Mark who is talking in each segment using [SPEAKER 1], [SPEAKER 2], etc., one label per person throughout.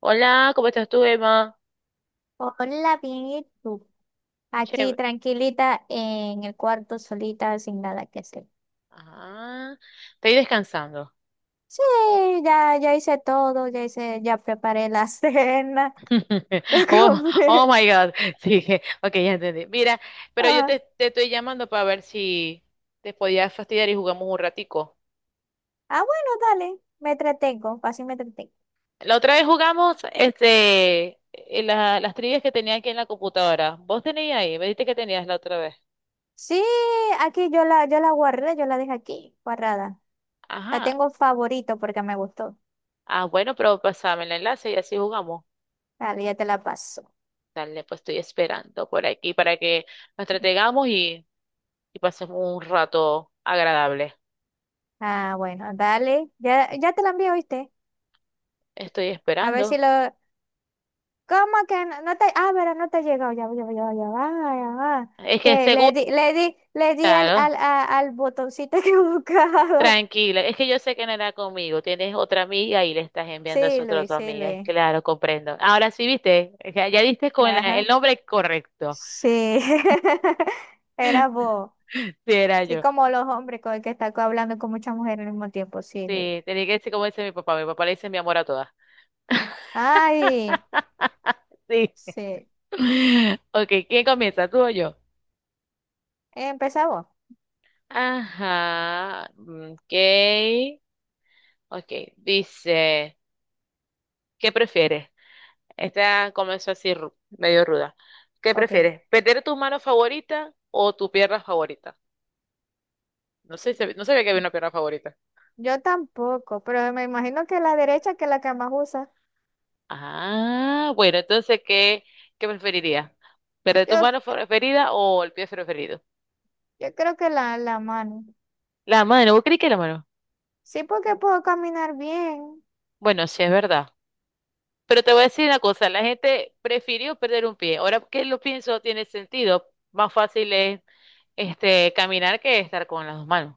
[SPEAKER 1] Hola, ¿cómo estás tú, Emma?
[SPEAKER 2] Hola, bien, ¿y tú? Aquí
[SPEAKER 1] Chévere.
[SPEAKER 2] tranquilita en el cuarto, solita, sin nada que hacer.
[SPEAKER 1] Ah, Estoy descansando.
[SPEAKER 2] Sí, ya hice todo, ya preparé la cena, la
[SPEAKER 1] Oh,
[SPEAKER 2] comí.
[SPEAKER 1] oh my God. Sí, ok, ya entendí. Mira, pero yo
[SPEAKER 2] Ah,
[SPEAKER 1] te, te estoy llamando para ver si te podías fastidiar y jugamos un ratico.
[SPEAKER 2] ah, bueno, dale, me entretengo, así me entretengo.
[SPEAKER 1] La otra vez jugamos las trivias que tenía aquí en la computadora. ¿Vos tenías ahí? Me dijiste que tenías la otra vez.
[SPEAKER 2] Sí, aquí yo la guardé, yo la dejé aquí, guardada. La
[SPEAKER 1] Ajá.
[SPEAKER 2] tengo favorito porque me gustó.
[SPEAKER 1] Ah, bueno, pero pasame el enlace y así jugamos.
[SPEAKER 2] Dale, ya te la paso.
[SPEAKER 1] Dale, pues estoy esperando por aquí para que nos entretengamos y pasemos un rato agradable.
[SPEAKER 2] Ah, bueno, dale, ya te la envío, ¿viste?
[SPEAKER 1] Estoy
[SPEAKER 2] A ver si
[SPEAKER 1] esperando.
[SPEAKER 2] lo. ¿Cómo que no, no te, pero no te ha llegado? Ya va, ya va, ya va, ya va, ya va.
[SPEAKER 1] Es que
[SPEAKER 2] Que le
[SPEAKER 1] seguro,
[SPEAKER 2] di, le di, le di al,
[SPEAKER 1] claro,
[SPEAKER 2] al, a- al botoncito equivocado.
[SPEAKER 1] tranquila. Es que yo sé que no era conmigo. Tienes otra amiga y le estás enviando a esa
[SPEAKER 2] Sí,
[SPEAKER 1] otra tu
[SPEAKER 2] Luis, sí,
[SPEAKER 1] amiga. Es
[SPEAKER 2] Luis.
[SPEAKER 1] Claro, comprendo. Ahora sí, viste, ya diste con el
[SPEAKER 2] Ajá.
[SPEAKER 1] nombre correcto.
[SPEAKER 2] Sí. Era vos.
[SPEAKER 1] Sí, era
[SPEAKER 2] Sí,
[SPEAKER 1] yo.
[SPEAKER 2] como los hombres con el que está hablando con muchas mujeres al mismo tiempo. Sí, Luis.
[SPEAKER 1] Sí, tenía que decir como dice mi papá. Mi papá le dice mi amor a todas.
[SPEAKER 2] Ay,
[SPEAKER 1] Sí.
[SPEAKER 2] sí.
[SPEAKER 1] Ok, ¿quién comienza? ¿Tú o yo?
[SPEAKER 2] Empezá vos.
[SPEAKER 1] Ajá. Ok. Ok. Dice, ¿qué prefieres? Esta comenzó así, medio ruda. ¿Qué
[SPEAKER 2] Ok.
[SPEAKER 1] prefieres? ¿Perder tu mano favorita o tu pierna favorita? No sé, no sabía que había una pierna favorita.
[SPEAKER 2] Yo tampoco, pero me imagino que la derecha que es la que más usa.
[SPEAKER 1] Ah, bueno, entonces, ¿qué preferirías? ¿Perder tu
[SPEAKER 2] Yo,
[SPEAKER 1] mano preferida o el pie preferido?
[SPEAKER 2] yo creo que la mano.
[SPEAKER 1] La mano, ¿vos crees que la mano?
[SPEAKER 2] Sí, porque puedo caminar bien.
[SPEAKER 1] Bueno, sí, es verdad. Pero te voy a decir una cosa, la gente prefirió perder un pie. Ahora que lo pienso, tiene sentido. Más fácil es caminar que estar con las dos manos.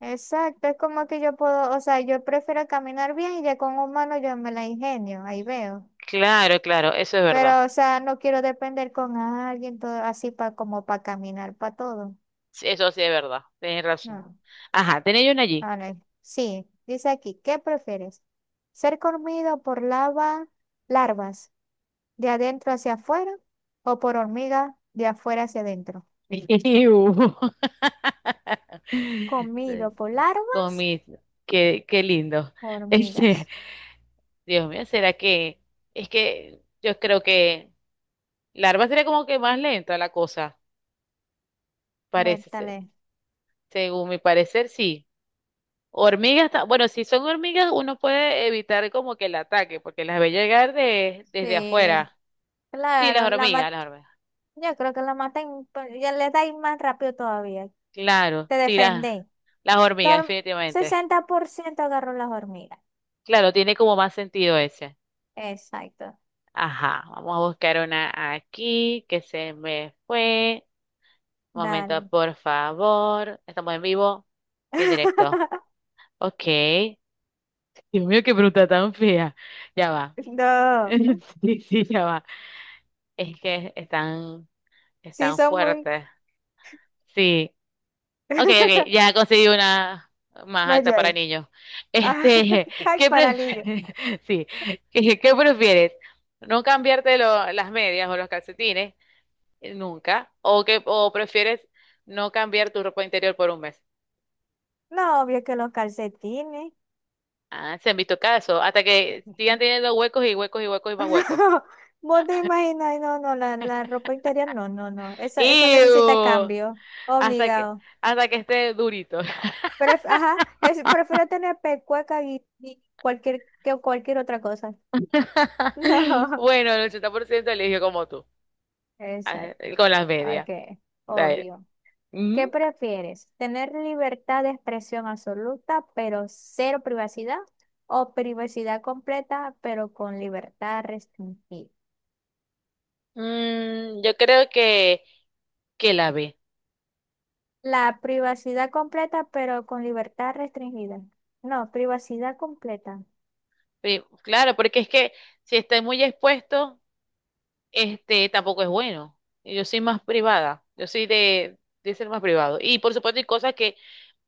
[SPEAKER 2] Exacto, es como que yo puedo, o sea, yo prefiero caminar bien y ya con un mano yo me la ingenio, ahí veo.
[SPEAKER 1] Claro, claro, eso es verdad.
[SPEAKER 2] Pero, o sea, no quiero depender con alguien todo así para como para caminar para todo.
[SPEAKER 1] Sí, eso sí es verdad, tenés razón.
[SPEAKER 2] No.
[SPEAKER 1] Ajá, tenés yo una allí.
[SPEAKER 2] A ver, sí, dice aquí, ¿qué prefieres? ¿Ser comido por larvas de adentro hacia afuera o por hormigas de afuera hacia adentro?
[SPEAKER 1] Iu.
[SPEAKER 2] Comido por larvas,
[SPEAKER 1] Con mis, qué, qué lindo. Este,
[SPEAKER 2] hormigas.
[SPEAKER 1] Dios mío, ¿será que? Es que yo creo que la larva sería como que más lenta la cosa, parece ser.
[SPEAKER 2] Vértale.
[SPEAKER 1] Según mi parecer, sí. Hormigas, bueno, si son hormigas, uno puede evitar como que el ataque, porque las ve llegar desde
[SPEAKER 2] Sí,
[SPEAKER 1] afuera. Sí, las
[SPEAKER 2] claro, la
[SPEAKER 1] hormigas, las hormigas.
[SPEAKER 2] Yo creo que la matan, pero ya le dais más rápido todavía.
[SPEAKER 1] Claro,
[SPEAKER 2] Te
[SPEAKER 1] sí,
[SPEAKER 2] defendéis.
[SPEAKER 1] las hormigas,
[SPEAKER 2] Tor-
[SPEAKER 1] definitivamente.
[SPEAKER 2] 60% agarró las hormigas.
[SPEAKER 1] Claro, tiene como más sentido ese.
[SPEAKER 2] Exacto.
[SPEAKER 1] Ajá, vamos a buscar una aquí que se me fue. Un momento,
[SPEAKER 2] Dale.
[SPEAKER 1] por favor. Estamos en vivo y en directo. Ok. Dios mío, qué bruta tan fea. Ya va.
[SPEAKER 2] No.
[SPEAKER 1] Sí, sí, ya va. Es que están,
[SPEAKER 2] Sí,
[SPEAKER 1] están
[SPEAKER 2] son muy.
[SPEAKER 1] fuertes. Sí. Ok, ok, ya conseguí una más alta
[SPEAKER 2] Medio
[SPEAKER 1] para
[SPEAKER 2] ahí.
[SPEAKER 1] niños.
[SPEAKER 2] Ah,
[SPEAKER 1] Este,
[SPEAKER 2] ay,
[SPEAKER 1] ¿qué
[SPEAKER 2] paralillo.
[SPEAKER 1] prefieres? Sí, ¿qué, qué prefieres? ¿No cambiarte las medias o los calcetines nunca? ¿O que, o prefieres no cambiar tu ropa interior por un mes?
[SPEAKER 2] No, obvio que los calcetines.
[SPEAKER 1] Ah, se han visto casos, hasta que sigan teniendo huecos y huecos y huecos y más huecos.
[SPEAKER 2] No, vos te imaginas, no, no, la ropa interior, no, no, no. Eso necesita
[SPEAKER 1] ¡Ew!
[SPEAKER 2] cambio.
[SPEAKER 1] Hasta que,
[SPEAKER 2] Obligado.
[SPEAKER 1] hasta que esté durito.
[SPEAKER 2] Ajá, prefiero tener pecueca y que cualquier otra cosa. No,
[SPEAKER 1] Bueno, el 80% eligió como tú, ah,
[SPEAKER 2] exacto,
[SPEAKER 1] con las medias.
[SPEAKER 2] ok,
[SPEAKER 1] Dale.
[SPEAKER 2] obvio. ¿Qué prefieres? ¿Tener libertad de expresión absoluta, pero cero privacidad? ¿O privacidad completa, pero con libertad restringida?
[SPEAKER 1] Yo creo que la ve.
[SPEAKER 2] La privacidad completa, pero con libertad restringida. No, privacidad completa.
[SPEAKER 1] Claro, porque es que si estoy muy expuesto, este tampoco es bueno. Yo soy más privada, yo soy de ser más privado. Y por supuesto hay cosas que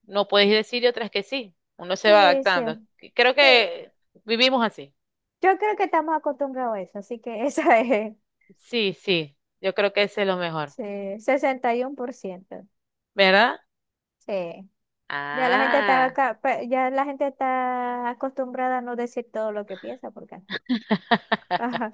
[SPEAKER 1] no puedes decir y otras que sí. Uno se va
[SPEAKER 2] Sí, sí,
[SPEAKER 1] adaptando. Creo
[SPEAKER 2] sí.
[SPEAKER 1] que vivimos así.
[SPEAKER 2] Yo creo que estamos acostumbrados a eso, así que esa es.
[SPEAKER 1] Sí, sí, yo creo que ese es lo mejor,
[SPEAKER 2] Sí, 61%.
[SPEAKER 1] ¿verdad?
[SPEAKER 2] Sí. Ya la gente está
[SPEAKER 1] Ah.
[SPEAKER 2] acostumbrada a no decir todo lo que piensa porque ajá,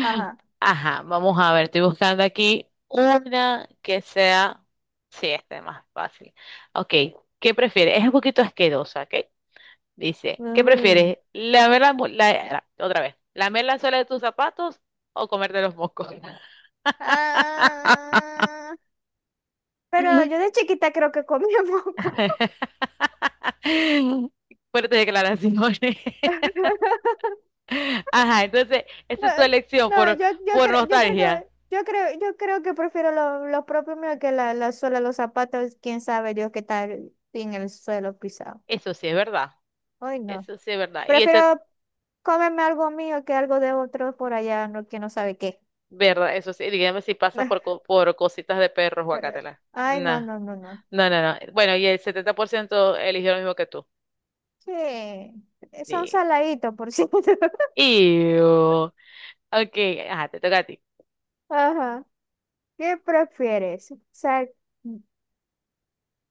[SPEAKER 2] ajá.
[SPEAKER 1] Ajá, vamos a ver, estoy buscando aquí una que sea, sí, este más fácil. Ok, ¿qué prefieres? Es un poquito asquerosa, ¿ok? Dice, ¿qué
[SPEAKER 2] Uy.
[SPEAKER 1] prefieres? ¿Lamer la, mu- la- la- otra vez, lamer la suela de tus zapatos o comerte los mocos?
[SPEAKER 2] Ah, pero yo de chiquita creo que comía moco.
[SPEAKER 1] Fuerte declaraciones. Ajá, entonces, esa
[SPEAKER 2] No,
[SPEAKER 1] es tu elección
[SPEAKER 2] no,
[SPEAKER 1] por
[SPEAKER 2] yo creo
[SPEAKER 1] nostalgia.
[SPEAKER 2] que yo creo, yo creo que prefiero los propios míos que la suela, los zapatos, quién sabe Dios qué tal en el suelo pisado.
[SPEAKER 1] Eso sí es verdad,
[SPEAKER 2] Ay, no.
[SPEAKER 1] eso sí es verdad. Y eso
[SPEAKER 2] Prefiero cómeme algo mío que algo de otro por allá, no, que no sabe qué.
[SPEAKER 1] ¿verdad? Eso sí, dígame si pasas por, por cositas de perros, guacatela.
[SPEAKER 2] Ay, no,
[SPEAKER 1] Nah.
[SPEAKER 2] no, no, no.
[SPEAKER 1] No, no, no. Bueno, y el 70% eligió lo mismo que tú.
[SPEAKER 2] Sí, son
[SPEAKER 1] Sí.
[SPEAKER 2] saladitos, por cierto.
[SPEAKER 1] Iu. Ok, ajá, te toca a ti.
[SPEAKER 2] Ajá. ¿Qué prefieres?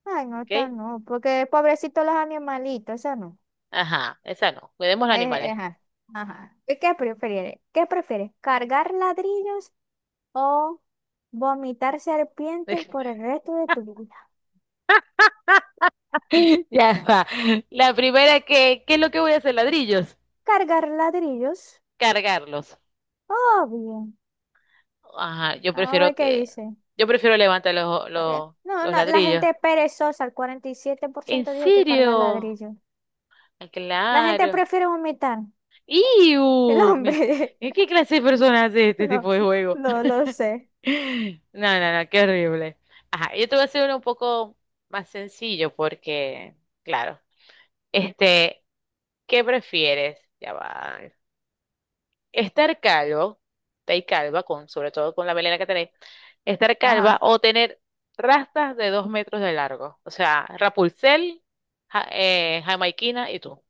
[SPEAKER 2] Ay, no,
[SPEAKER 1] Ok,
[SPEAKER 2] esta no, porque pobrecitos los animalitos, eso no.
[SPEAKER 1] ajá, esa no. Cuidemos los
[SPEAKER 2] Eh, eh,
[SPEAKER 1] animales.
[SPEAKER 2] ajá, ajá. ¿Qué prefieres? ¿Cargar ladrillos o vomitar serpientes por el resto de tu vida?
[SPEAKER 1] Ya va. La primera que, ¿qué es lo que voy a hacer? ¿Ladrillos?
[SPEAKER 2] ¿Cargar ladrillos?
[SPEAKER 1] Cargarlos.
[SPEAKER 2] Obvio.
[SPEAKER 1] Ajá,
[SPEAKER 2] Vamos a ver qué dice.
[SPEAKER 1] yo prefiero levantar
[SPEAKER 2] Pero- No,
[SPEAKER 1] los
[SPEAKER 2] no, la
[SPEAKER 1] ladrillos.
[SPEAKER 2] gente es perezosa, el cuarenta y siete por
[SPEAKER 1] ¿En
[SPEAKER 2] ciento dijo que cargar
[SPEAKER 1] serio?
[SPEAKER 2] ladrillo.
[SPEAKER 1] Ah,
[SPEAKER 2] La gente
[SPEAKER 1] claro.
[SPEAKER 2] prefiere vomitar. El
[SPEAKER 1] ¡Iu!
[SPEAKER 2] hombre,
[SPEAKER 1] ¿Qué clase de personas hace este
[SPEAKER 2] no,
[SPEAKER 1] tipo de juego?
[SPEAKER 2] no lo sé.
[SPEAKER 1] No, no, no, qué horrible. Ajá, yo te voy a hacer uno un poco más sencillo porque, claro, este, ¿qué prefieres? Ya va. Estar calvo, Estar calva, con, sobre todo con la melena que tenés, estar calva
[SPEAKER 2] Ajá.
[SPEAKER 1] o tener rastas de 2 metros de largo. O sea, Rapunzel, jamaiquina y tú.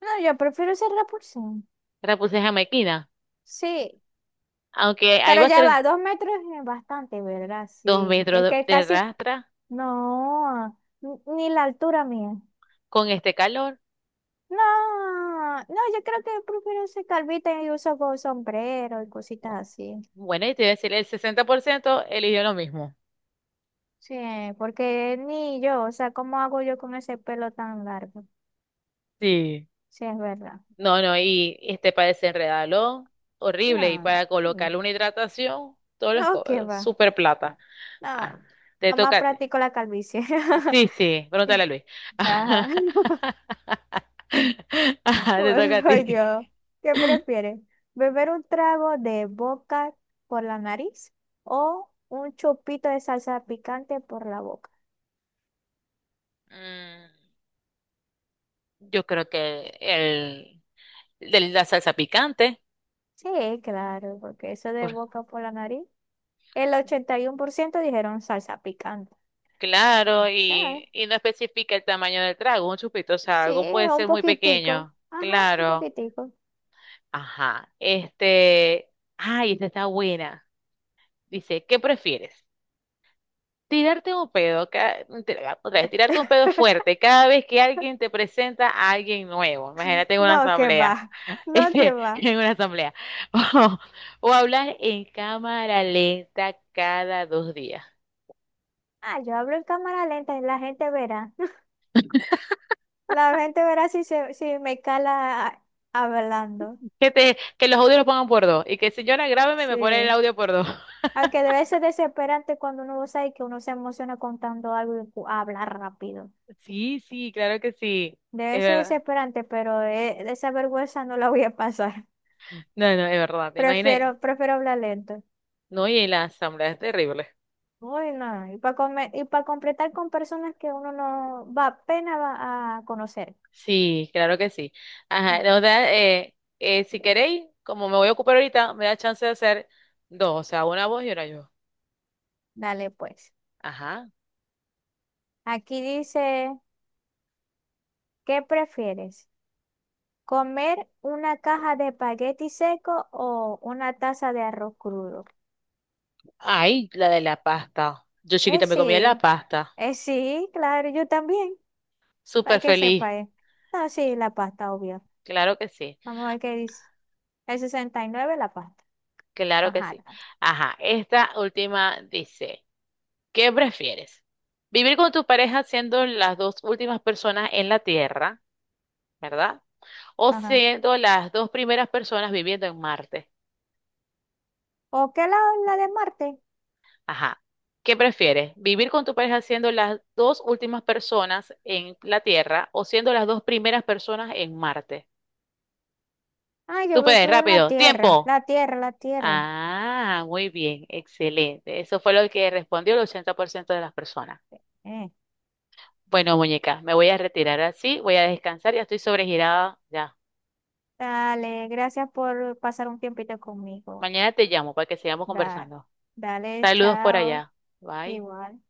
[SPEAKER 2] No, yo prefiero ser repulsión.
[SPEAKER 1] Rapunzel jamaiquina,
[SPEAKER 2] Sí,
[SPEAKER 1] aunque ahí
[SPEAKER 2] pero
[SPEAKER 1] va a
[SPEAKER 2] ya
[SPEAKER 1] ser
[SPEAKER 2] va, 2 metros es bastante, ¿verdad?
[SPEAKER 1] dos
[SPEAKER 2] Sí,
[SPEAKER 1] metros
[SPEAKER 2] que, que
[SPEAKER 1] de
[SPEAKER 2] casi,
[SPEAKER 1] rastra
[SPEAKER 2] no, ni la altura mía.
[SPEAKER 1] con este calor.
[SPEAKER 2] No, no, yo creo que prefiero ser calvita y uso sombrero y cositas así.
[SPEAKER 1] Bueno, y te voy a decir, el 60% eligió lo mismo.
[SPEAKER 2] Sí, porque ni yo, o sea, ¿cómo hago yo con ese pelo tan largo?
[SPEAKER 1] Sí.
[SPEAKER 2] Sí, es verdad.
[SPEAKER 1] No, no, y este para desenredarlo, horrible. Y
[SPEAKER 2] No,
[SPEAKER 1] para colocarle una hidratación, todos los
[SPEAKER 2] no, qué va.
[SPEAKER 1] super plata.
[SPEAKER 2] No,
[SPEAKER 1] Ajá.
[SPEAKER 2] no,
[SPEAKER 1] Te
[SPEAKER 2] nomás
[SPEAKER 1] toca a ti.
[SPEAKER 2] practico la calvicie.
[SPEAKER 1] Sí, sí, pregúntale a Luis.
[SPEAKER 2] Ajá.
[SPEAKER 1] Ajá, te toca a
[SPEAKER 2] Bueno, ay,
[SPEAKER 1] ti.
[SPEAKER 2] Dios. ¿Qué prefieres? ¿Beber un trago de boca por la nariz o un chupito de salsa picante por la boca?
[SPEAKER 1] Mm, yo creo que el, de la salsa picante.
[SPEAKER 2] Sí, claro, porque eso de
[SPEAKER 1] ¿Por qué?
[SPEAKER 2] boca por la nariz, el 81% dijeron salsa picante.
[SPEAKER 1] Claro,
[SPEAKER 2] ya
[SPEAKER 1] y no especifica el tamaño del trago, un chupito, o sea,
[SPEAKER 2] Sí,
[SPEAKER 1] algo puede
[SPEAKER 2] un
[SPEAKER 1] ser muy
[SPEAKER 2] poquitico.
[SPEAKER 1] pequeño.
[SPEAKER 2] Ajá, un
[SPEAKER 1] Claro.
[SPEAKER 2] poquitico.
[SPEAKER 1] Ajá. Este, ay, esta está buena. Dice, ¿qué prefieres? Tirarte un pedo, otra vez, tirarte un pedo fuerte cada vez que alguien te presenta a alguien nuevo. Imagínate en una
[SPEAKER 2] No, que va.
[SPEAKER 1] asamblea.
[SPEAKER 2] No, que
[SPEAKER 1] Este,
[SPEAKER 2] va.
[SPEAKER 1] en una asamblea. O, o hablar en cámara lenta cada dos días.
[SPEAKER 2] Ah, yo hablo en cámara lenta y la gente verá. La gente verá si me cala hablando.
[SPEAKER 1] Que te, que los audios los pongan por dos. Y que señora, grábeme me pone el
[SPEAKER 2] Sí.
[SPEAKER 1] audio por dos.
[SPEAKER 2] Aunque debe ser desesperante cuando uno lo sabe que uno se emociona contando algo y habla rápido.
[SPEAKER 1] Sí, sí, claro que sí.
[SPEAKER 2] Debe
[SPEAKER 1] Es
[SPEAKER 2] ser
[SPEAKER 1] verdad.
[SPEAKER 2] desesperante, pero esa vergüenza no la voy a pasar.
[SPEAKER 1] No, no, es verdad. ¿Te imaginas?
[SPEAKER 2] Prefiero hablar lento.
[SPEAKER 1] No, y la asamblea es terrible.
[SPEAKER 2] Uy, no. Y para completar con personas que uno no va apenas va a conocer.
[SPEAKER 1] Sí, claro que sí. Ajá.
[SPEAKER 2] No,
[SPEAKER 1] O sea, si queréis, como me voy a ocupar ahorita, me da chance de hacer dos, o sea, una vos y una yo.
[SPEAKER 2] dale pues.
[SPEAKER 1] Ajá.
[SPEAKER 2] Aquí dice, ¿qué prefieres? ¿Comer una caja de espagueti seco o una taza de arroz crudo?
[SPEAKER 1] Ay, la de la pasta. Yo
[SPEAKER 2] Eh,
[SPEAKER 1] chiquita me comía la
[SPEAKER 2] sí,
[SPEAKER 1] pasta.
[SPEAKER 2] sí, claro, yo también, para
[SPEAKER 1] Súper
[SPEAKER 2] que
[SPEAKER 1] feliz.
[SPEAKER 2] sepa. No, sí, la pasta, obvio.
[SPEAKER 1] Claro que sí.
[SPEAKER 2] Vamos a ver qué dice. El 69 la pasta.
[SPEAKER 1] Claro que
[SPEAKER 2] Ajá,
[SPEAKER 1] sí. Ajá. Esta última dice, ¿qué prefieres? ¿Vivir con tu pareja siendo las dos últimas personas en la Tierra? ¿Verdad? O
[SPEAKER 2] ajá.
[SPEAKER 1] siendo las dos primeras personas viviendo en Marte.
[SPEAKER 2] ¿O qué la de Marte?
[SPEAKER 1] Ajá. ¿Qué prefieres? ¿Vivir con tu pareja siendo las dos últimas personas en la Tierra o siendo las dos primeras personas en Marte?
[SPEAKER 2] Ah, yo
[SPEAKER 1] Tú puedes,
[SPEAKER 2] prefiero la
[SPEAKER 1] rápido.
[SPEAKER 2] tierra,
[SPEAKER 1] ¡Tiempo!
[SPEAKER 2] la tierra, la tierra.
[SPEAKER 1] Ah, muy bien, excelente. Eso fue lo que respondió el 80% de las personas.
[SPEAKER 2] Eh,
[SPEAKER 1] Bueno, muñeca, me voy a retirar así, voy a descansar, ya estoy sobregirada ya.
[SPEAKER 2] Dale, gracias por pasar un tiempito conmigo.
[SPEAKER 1] Mañana te llamo para que sigamos
[SPEAKER 2] Dale,
[SPEAKER 1] conversando.
[SPEAKER 2] dale,
[SPEAKER 1] Saludos por
[SPEAKER 2] chao.
[SPEAKER 1] allá. Bye.
[SPEAKER 2] Igual.